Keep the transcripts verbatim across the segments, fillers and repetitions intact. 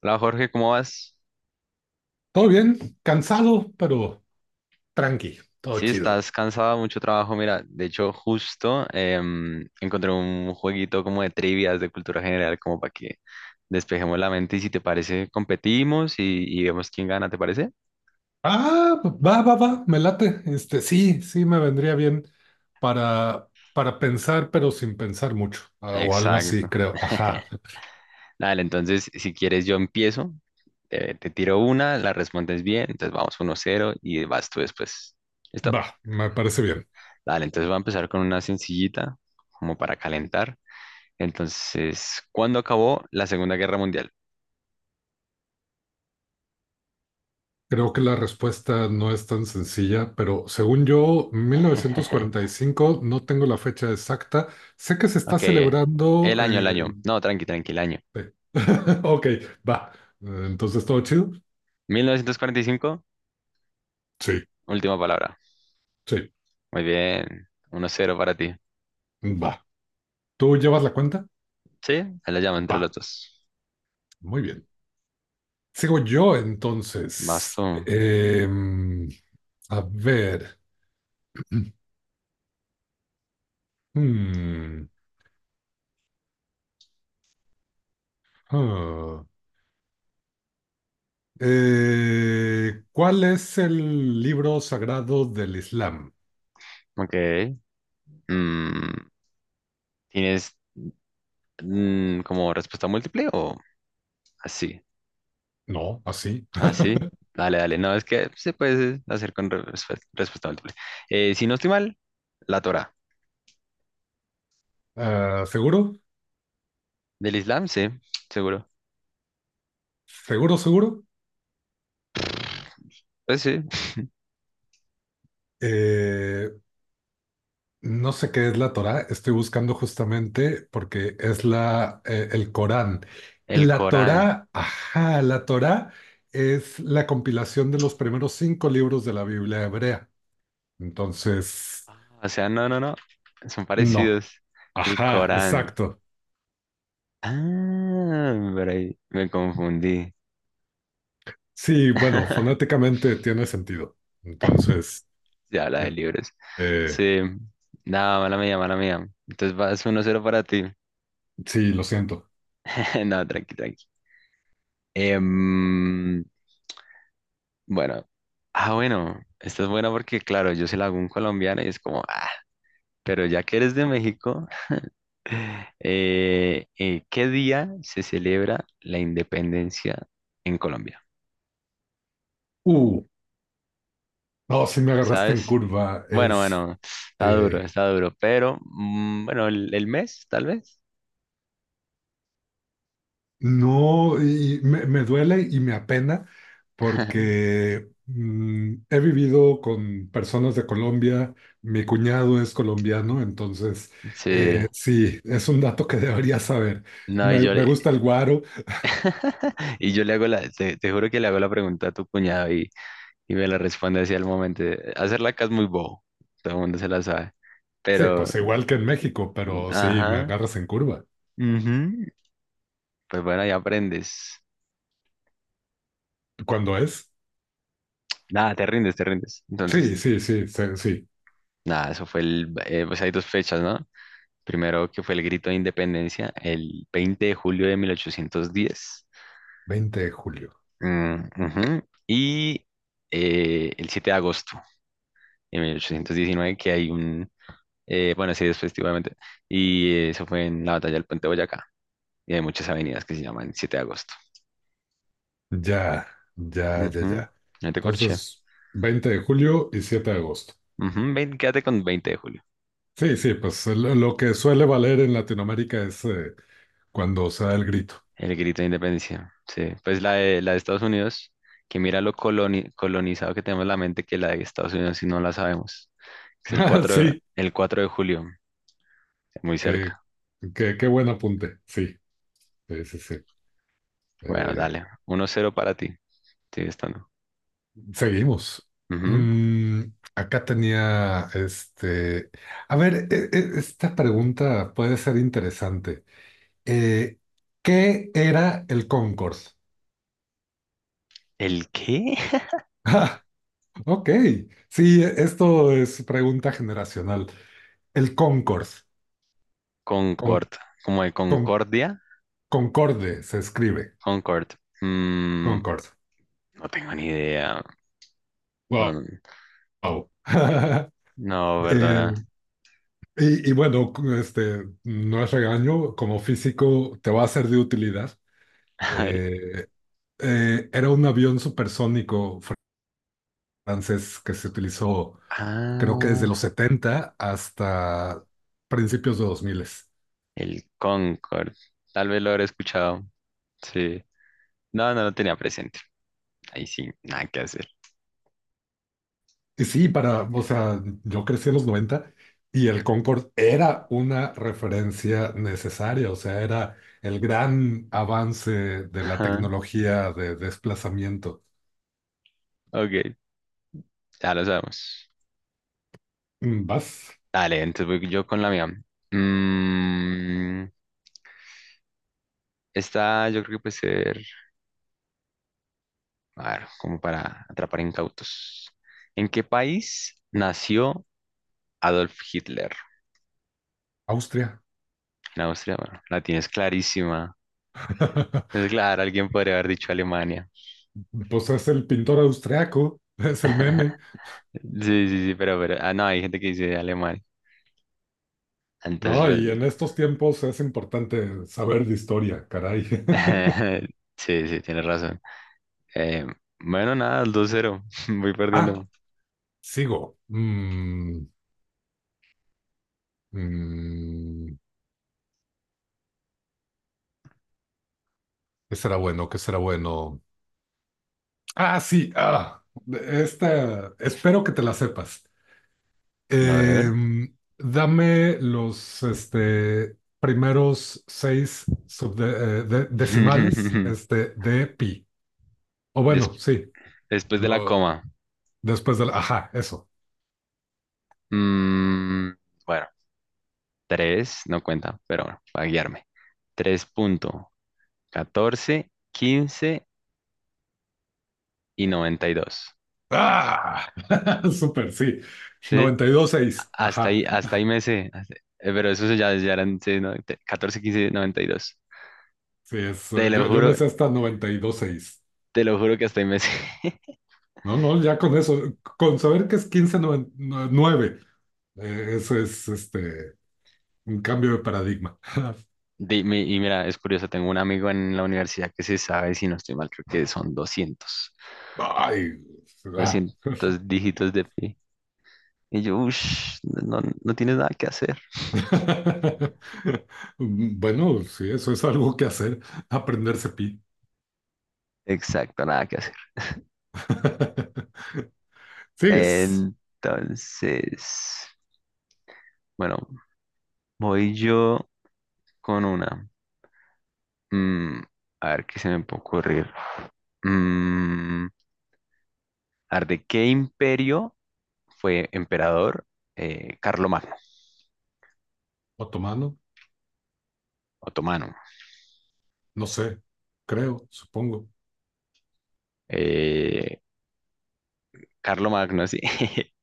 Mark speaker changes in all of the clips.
Speaker 1: Hola Jorge, ¿cómo vas?
Speaker 2: Todo bien, cansado, pero tranqui, todo
Speaker 1: Sí,
Speaker 2: chido.
Speaker 1: estás cansado, mucho trabajo. Mira, de hecho, justo em, encontré un jueguito como de trivias de cultura general, como para que despejemos la mente y si te parece, competimos y, y vemos quién gana, ¿te parece?
Speaker 2: Ah, va, va, va, me late. Este, sí, sí me vendría bien para, para pensar, pero sin pensar mucho, ah, o algo así,
Speaker 1: Exacto.
Speaker 2: creo. Ajá,
Speaker 1: Dale, entonces, si quieres, yo empiezo, te, te tiro una, la respondes bien, entonces vamos uno cero y vas tú después. ¿Listo?
Speaker 2: va, me parece bien.
Speaker 1: Dale, entonces voy a empezar con una sencillita, como para calentar. Entonces, ¿cuándo acabó la Segunda Guerra Mundial?
Speaker 2: Creo que la respuesta no es tan sencilla, pero según yo, mil novecientos cuarenta y cinco. No tengo la fecha exacta. Sé que se está
Speaker 1: Ok,
Speaker 2: celebrando
Speaker 1: el año, el
Speaker 2: eh,
Speaker 1: año. No, tranqui, tranqui, el año.
Speaker 2: el... Ok, va. Entonces, ¿todo chido?
Speaker 1: Mil novecientos cuarenta y cinco,
Speaker 2: Sí,
Speaker 1: última palabra.
Speaker 2: sí,
Speaker 1: Muy bien, uno cero para ti.
Speaker 2: va. ¿Tú llevas la cuenta?
Speaker 1: Sí, ahí la llama entre los
Speaker 2: Ah,
Speaker 1: dos.
Speaker 2: muy bien. Sigo yo entonces.
Speaker 1: Basto.
Speaker 2: Em, a ver. Hmm, ah. Eh, ¿cuál es el libro sagrado del Islam?
Speaker 1: Ok. Mm, ¿tienes mm, como respuesta múltiple o así?
Speaker 2: No, así.
Speaker 1: Así. Dale, dale. No, es que se puede hacer con re- respe- respuesta múltiple. Eh, si no estoy mal, la Torá.
Speaker 2: Ah, ¿seguro?
Speaker 1: Del Islam, sí, seguro.
Speaker 2: ¿Seguro, seguro?
Speaker 1: Pues sí.
Speaker 2: Eh, No sé qué es la Torá, estoy buscando justamente porque es la, eh, el Corán.
Speaker 1: El
Speaker 2: La
Speaker 1: Corán.
Speaker 2: Torá, ajá, la Torá es la compilación de los primeros cinco libros de la Biblia hebrea. Entonces,
Speaker 1: Ah, o sea, no, no, no. Son
Speaker 2: no,
Speaker 1: parecidos. El
Speaker 2: ajá,
Speaker 1: Corán.
Speaker 2: exacto.
Speaker 1: Ah, por ahí me confundí.
Speaker 2: Sí, bueno, fonéticamente tiene sentido. Entonces,
Speaker 1: Se habla de
Speaker 2: eh,
Speaker 1: libros.
Speaker 2: eh,
Speaker 1: Sí. Nada, mala mía, mala mía. Entonces vas uno cero para ti.
Speaker 2: sí, lo siento.
Speaker 1: No, tranqui, tranqui. Em, bueno. Ah, bueno. Esta es buena porque, claro, yo se la hago a un colombiano y es como, ah, pero ya que eres de México, eh, eh, ¿qué día se celebra la independencia en Colombia?
Speaker 2: Uh, no, sí me agarraste en
Speaker 1: ¿Sabes?
Speaker 2: curva.
Speaker 1: Bueno,
Speaker 2: Este,
Speaker 1: bueno, está duro, está duro, pero mm, bueno, el, el mes, tal vez.
Speaker 2: no, y me, me duele y me apena porque mm, he vivido con personas de Colombia, mi cuñado es colombiano, entonces
Speaker 1: Sí,
Speaker 2: eh, sí, es un dato que debería saber.
Speaker 1: no, y
Speaker 2: Me,
Speaker 1: yo
Speaker 2: me
Speaker 1: le,
Speaker 2: gusta el guaro,
Speaker 1: y yo le hago la, te, te juro que le hago la pregunta a tu cuñado y, y me la responde así al momento. Hacerla acá es muy bobo, todo el mundo se la sabe,
Speaker 2: sí,
Speaker 1: pero,
Speaker 2: pues igual que en México, pero sí, me
Speaker 1: ajá,
Speaker 2: agarras en curva.
Speaker 1: ujú, pues bueno, ya aprendes.
Speaker 2: ¿Cuándo es?
Speaker 1: Nada, te rindes, te rindes.
Speaker 2: Sí,
Speaker 1: Entonces,
Speaker 2: sí, sí, sí, sí,
Speaker 1: nada, eso fue el, eh, pues hay dos fechas, ¿no? Primero que fue el grito de independencia el veinte de julio de mil ochocientos diez.
Speaker 2: veinte de julio.
Speaker 1: Mm, ujú. Y eh, el siete de agosto de mil ochocientos diecinueve que hay un, eh, bueno, sí, después, obviamente y eh, eso fue en la batalla del Puente de Boyacá. Y hay muchas avenidas que se llaman siete de agosto.
Speaker 2: Ya, ya, ya,
Speaker 1: Ujú,
Speaker 2: ya.
Speaker 1: no te corché.
Speaker 2: Entonces, veinte de julio y siete de agosto.
Speaker 1: Ujú, vein- quédate con veinte de julio.
Speaker 2: Sí, sí, pues lo lo que suele valer en Latinoamérica es eh, cuando se da el grito.
Speaker 1: El grito de independencia. Sí, pues la de, la de Estados Unidos, que mira lo coloni- colonizado que tenemos la mente que la de Estados Unidos si no la sabemos. Es el
Speaker 2: Ah,
Speaker 1: cuatro de,
Speaker 2: sí,
Speaker 1: el cuatro de julio, muy
Speaker 2: qué,
Speaker 1: cerca.
Speaker 2: qué, qué buen apunte. Sí, sí, sí, sí.
Speaker 1: Bueno,
Speaker 2: Eh,
Speaker 1: dale. Uno cero para ti. Sigue estando.
Speaker 2: seguimos.
Speaker 1: Ujú.
Speaker 2: Mm, acá tenía este. A ver, e- e- esta pregunta puede ser interesante. Eh, ¿qué era el Concorde?
Speaker 1: ¿El qué?
Speaker 2: Ah, ok, sí, esto es pregunta generacional. El Concorde, con,
Speaker 1: Concord. Como de
Speaker 2: con
Speaker 1: Concordia.
Speaker 2: Concorde se escribe,
Speaker 1: Concord. Mm,
Speaker 2: Concorde.
Speaker 1: no tengo ni idea. No,
Speaker 2: Wow.
Speaker 1: no,
Speaker 2: Wow.
Speaker 1: no, perdona.
Speaker 2: Eh, y, y, bueno, este, no es regaño, como físico te va a ser de utilidad. Eh, eh, era un avión supersónico francés que se utilizó creo que desde los
Speaker 1: Ah,
Speaker 2: setenta hasta principios de dos mil.
Speaker 1: el Concord. Tal vez lo habré escuchado. Sí. No, no lo tenía presente. Ahí sí, nada que hacer.
Speaker 2: Y sí,
Speaker 1: Sí.
Speaker 2: para, o sea, yo crecí en los noventa y el Concorde era una referencia necesaria, o sea, era el gran avance de la
Speaker 1: Ajá.
Speaker 2: tecnología de desplazamiento.
Speaker 1: Ok, ya lo sabemos.
Speaker 2: Mm, Vas,
Speaker 1: Dale, entonces voy yo con la mía. Mm, Esta yo creo que puede ser, a ver, como para atrapar incautos. ¿En qué país nació Adolf Hitler?
Speaker 2: Austria.
Speaker 1: En Austria, bueno, la tienes clarísima. Es claro, alguien podría haber dicho Alemania.
Speaker 2: Pues es el pintor austriaco, es el meme,
Speaker 1: Sí, sí, sí, pero, pero, ah, no, hay gente que dice Alemania. Entonces,
Speaker 2: ¿no?
Speaker 1: pues,
Speaker 2: Y en estos tiempos es importante saber de historia, caray.
Speaker 1: sí, sí, tienes razón. Eh, bueno, nada, el dos cero, voy
Speaker 2: Ah,
Speaker 1: perdiendo.
Speaker 2: sigo. Mm, mm, ¿qué será bueno? ¿Qué será bueno? Ah, sí, ah, esta, espero que te la sepas.
Speaker 1: A ver.
Speaker 2: Em, dame los este, primeros seis subde- eh, de- decimales este, de pi. O
Speaker 1: Des-
Speaker 2: bueno, sí,
Speaker 1: después de la
Speaker 2: lo,
Speaker 1: coma.
Speaker 2: después del, ajá, eso.
Speaker 1: Mm, bueno, tres, no cuenta, pero bueno, para guiarme. Tres punto catorce quince y noventa y dos.
Speaker 2: ¡Ah! Súper, sí.
Speaker 1: ¿Sí?
Speaker 2: Noventa y dos seis.
Speaker 1: Hasta
Speaker 2: Ajá.
Speaker 1: ahí, hasta ahí me sé. hasta- eh, Pero eso ya, ya eran sí, no, te- catorce, quince, noventa y dos.
Speaker 2: Sí, es,
Speaker 1: Te
Speaker 2: eh,
Speaker 1: lo
Speaker 2: yo, yo
Speaker 1: juro,
Speaker 2: me sé hasta noventa y dos seis.
Speaker 1: te lo juro que hasta ahí me sé.
Speaker 2: No, no, ya con eso, con saber que es quince punto nueve, nueve eh, eso es este. Un cambio de paradigma.
Speaker 1: Di- mi- Y mira, es curioso, tengo un amigo en la universidad que se sabe, si no estoy mal, creo que son doscientos
Speaker 2: Ay, ah.
Speaker 1: doscientos dígitos de pi. Y yo, uff, no, no tienes nada que hacer.
Speaker 2: Bueno, sí, eso es algo que hacer, aprenderse pi.
Speaker 1: Exacto, nada que hacer.
Speaker 2: ¿Sigues?
Speaker 1: Entonces, bueno, voy yo con una. Mm, a ver, ¿qué se me puede ocurrir? Mm, a ver, ¿de qué imperio fue emperador eh, Carlomagno,
Speaker 2: ¿Otomano?
Speaker 1: otomano?
Speaker 2: No sé, creo, supongo.
Speaker 1: Eh, Carlomagno, sí.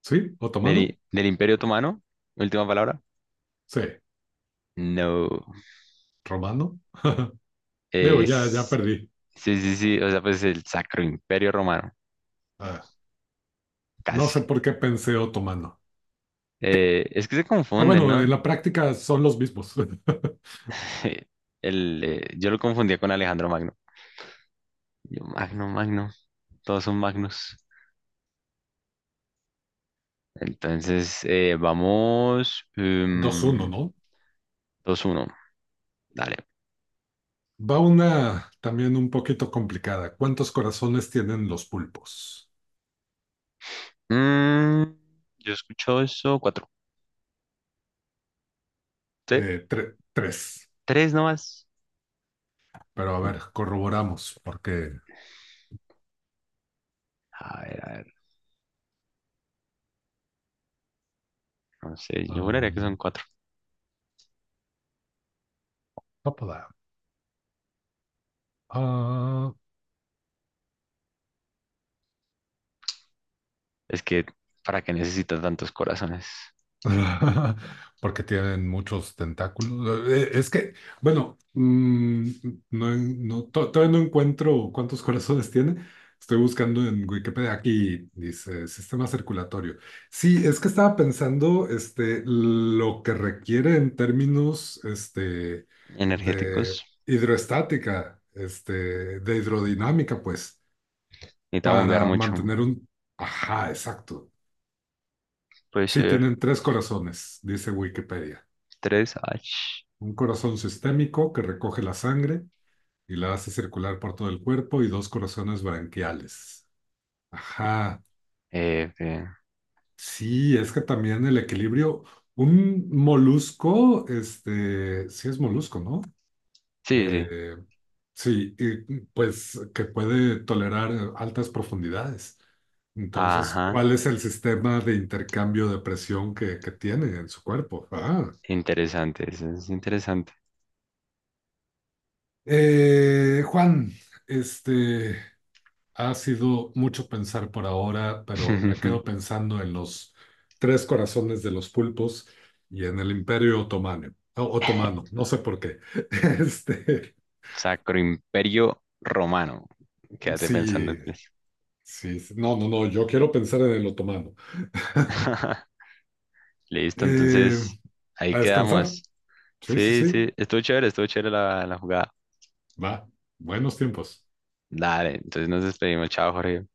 Speaker 2: ¿Sí? ¿Otomano?
Speaker 1: ¿Del, del imperio otomano? Última palabra.
Speaker 2: Sí.
Speaker 1: No.
Speaker 2: ¿Romano? Digo, ya, ya
Speaker 1: Es,
Speaker 2: perdí.
Speaker 1: sí, sí, sí, o sea, pues el Sacro Imperio Romano,
Speaker 2: Ah, no
Speaker 1: casi.
Speaker 2: sé por qué pensé otomano.
Speaker 1: Eh, es que se
Speaker 2: Ah,
Speaker 1: confunden,
Speaker 2: bueno, en
Speaker 1: ¿no?
Speaker 2: la práctica son los mismos.
Speaker 1: El, eh, yo lo confundía con Alejandro Magno. Yo, Magno, Magno, todos son Magnus. Entonces, eh, vamos
Speaker 2: Dos uno,
Speaker 1: em,
Speaker 2: ¿no?
Speaker 1: dos uno. Dale.
Speaker 2: Va una también un poquito complicada. ¿Cuántos corazones tienen los pulpos?
Speaker 1: Mm, yo escucho eso, cuatro. ¿Sí?
Speaker 2: Eh, tre- tres.
Speaker 1: tres nomás.
Speaker 2: Pero a ver, corroboramos porque...
Speaker 1: A ver, a ver. No sé, yo juraría que son
Speaker 2: Ah,
Speaker 1: cuatro.
Speaker 2: tópala.
Speaker 1: Es que, ¿para qué necesito tantos corazones
Speaker 2: Porque tienen muchos tentáculos. Eh, Es que, bueno, mm, no, en- no- to- todavía no encuentro cuántos corazones tiene. Estoy buscando en Wikipedia. Aquí dice sistema circulatorio. Sí, es que estaba pensando este, lo que requiere en términos este, de
Speaker 1: energéticos?
Speaker 2: hidroestática, este, de hidrodinámica, pues,
Speaker 1: Necesita bombear
Speaker 2: para
Speaker 1: mucho.
Speaker 2: mantener un... Ajá, exacto.
Speaker 1: Puede
Speaker 2: Sí,
Speaker 1: ser
Speaker 2: tienen tres corazones, dice Wikipedia.
Speaker 1: tres h
Speaker 2: Un corazón sistémico que recoge la sangre y la hace circular por todo el cuerpo y dos corazones branquiales. Ajá.
Speaker 1: F
Speaker 2: Sí, es que también el equilibrio, un molusco, este, sí es molusco, ¿no?
Speaker 1: sí, sí.
Speaker 2: Eh, sí, y, pues que puede tolerar eh, altas profundidades. Entonces,
Speaker 1: Ajá.
Speaker 2: ¿cuál es el sistema de intercambio de presión que, que tiene en su cuerpo? Ah.
Speaker 1: Interesante, eso es interesante.
Speaker 2: Eh, Juan, este, ha sido mucho pensar por ahora, pero me quedo pensando en los tres corazones de los pulpos y en el Imperio Otomano. o- Otomano, no sé por qué. Este,
Speaker 1: Sacro Imperio Romano. Quédate pensando
Speaker 2: sí,
Speaker 1: en eso.
Speaker 2: sí, sí. No, no, no, yo quiero pensar en el otomano.
Speaker 1: Listo,
Speaker 2: Eh,
Speaker 1: entonces ahí
Speaker 2: a descansar.
Speaker 1: quedamos.
Speaker 2: Sí, sí,
Speaker 1: Sí, sí,
Speaker 2: sí.
Speaker 1: estuvo chévere, estuvo chévere la, la jugada.
Speaker 2: Va. Buenos tiempos.
Speaker 1: Dale, entonces nos despedimos. Chao, Jorge.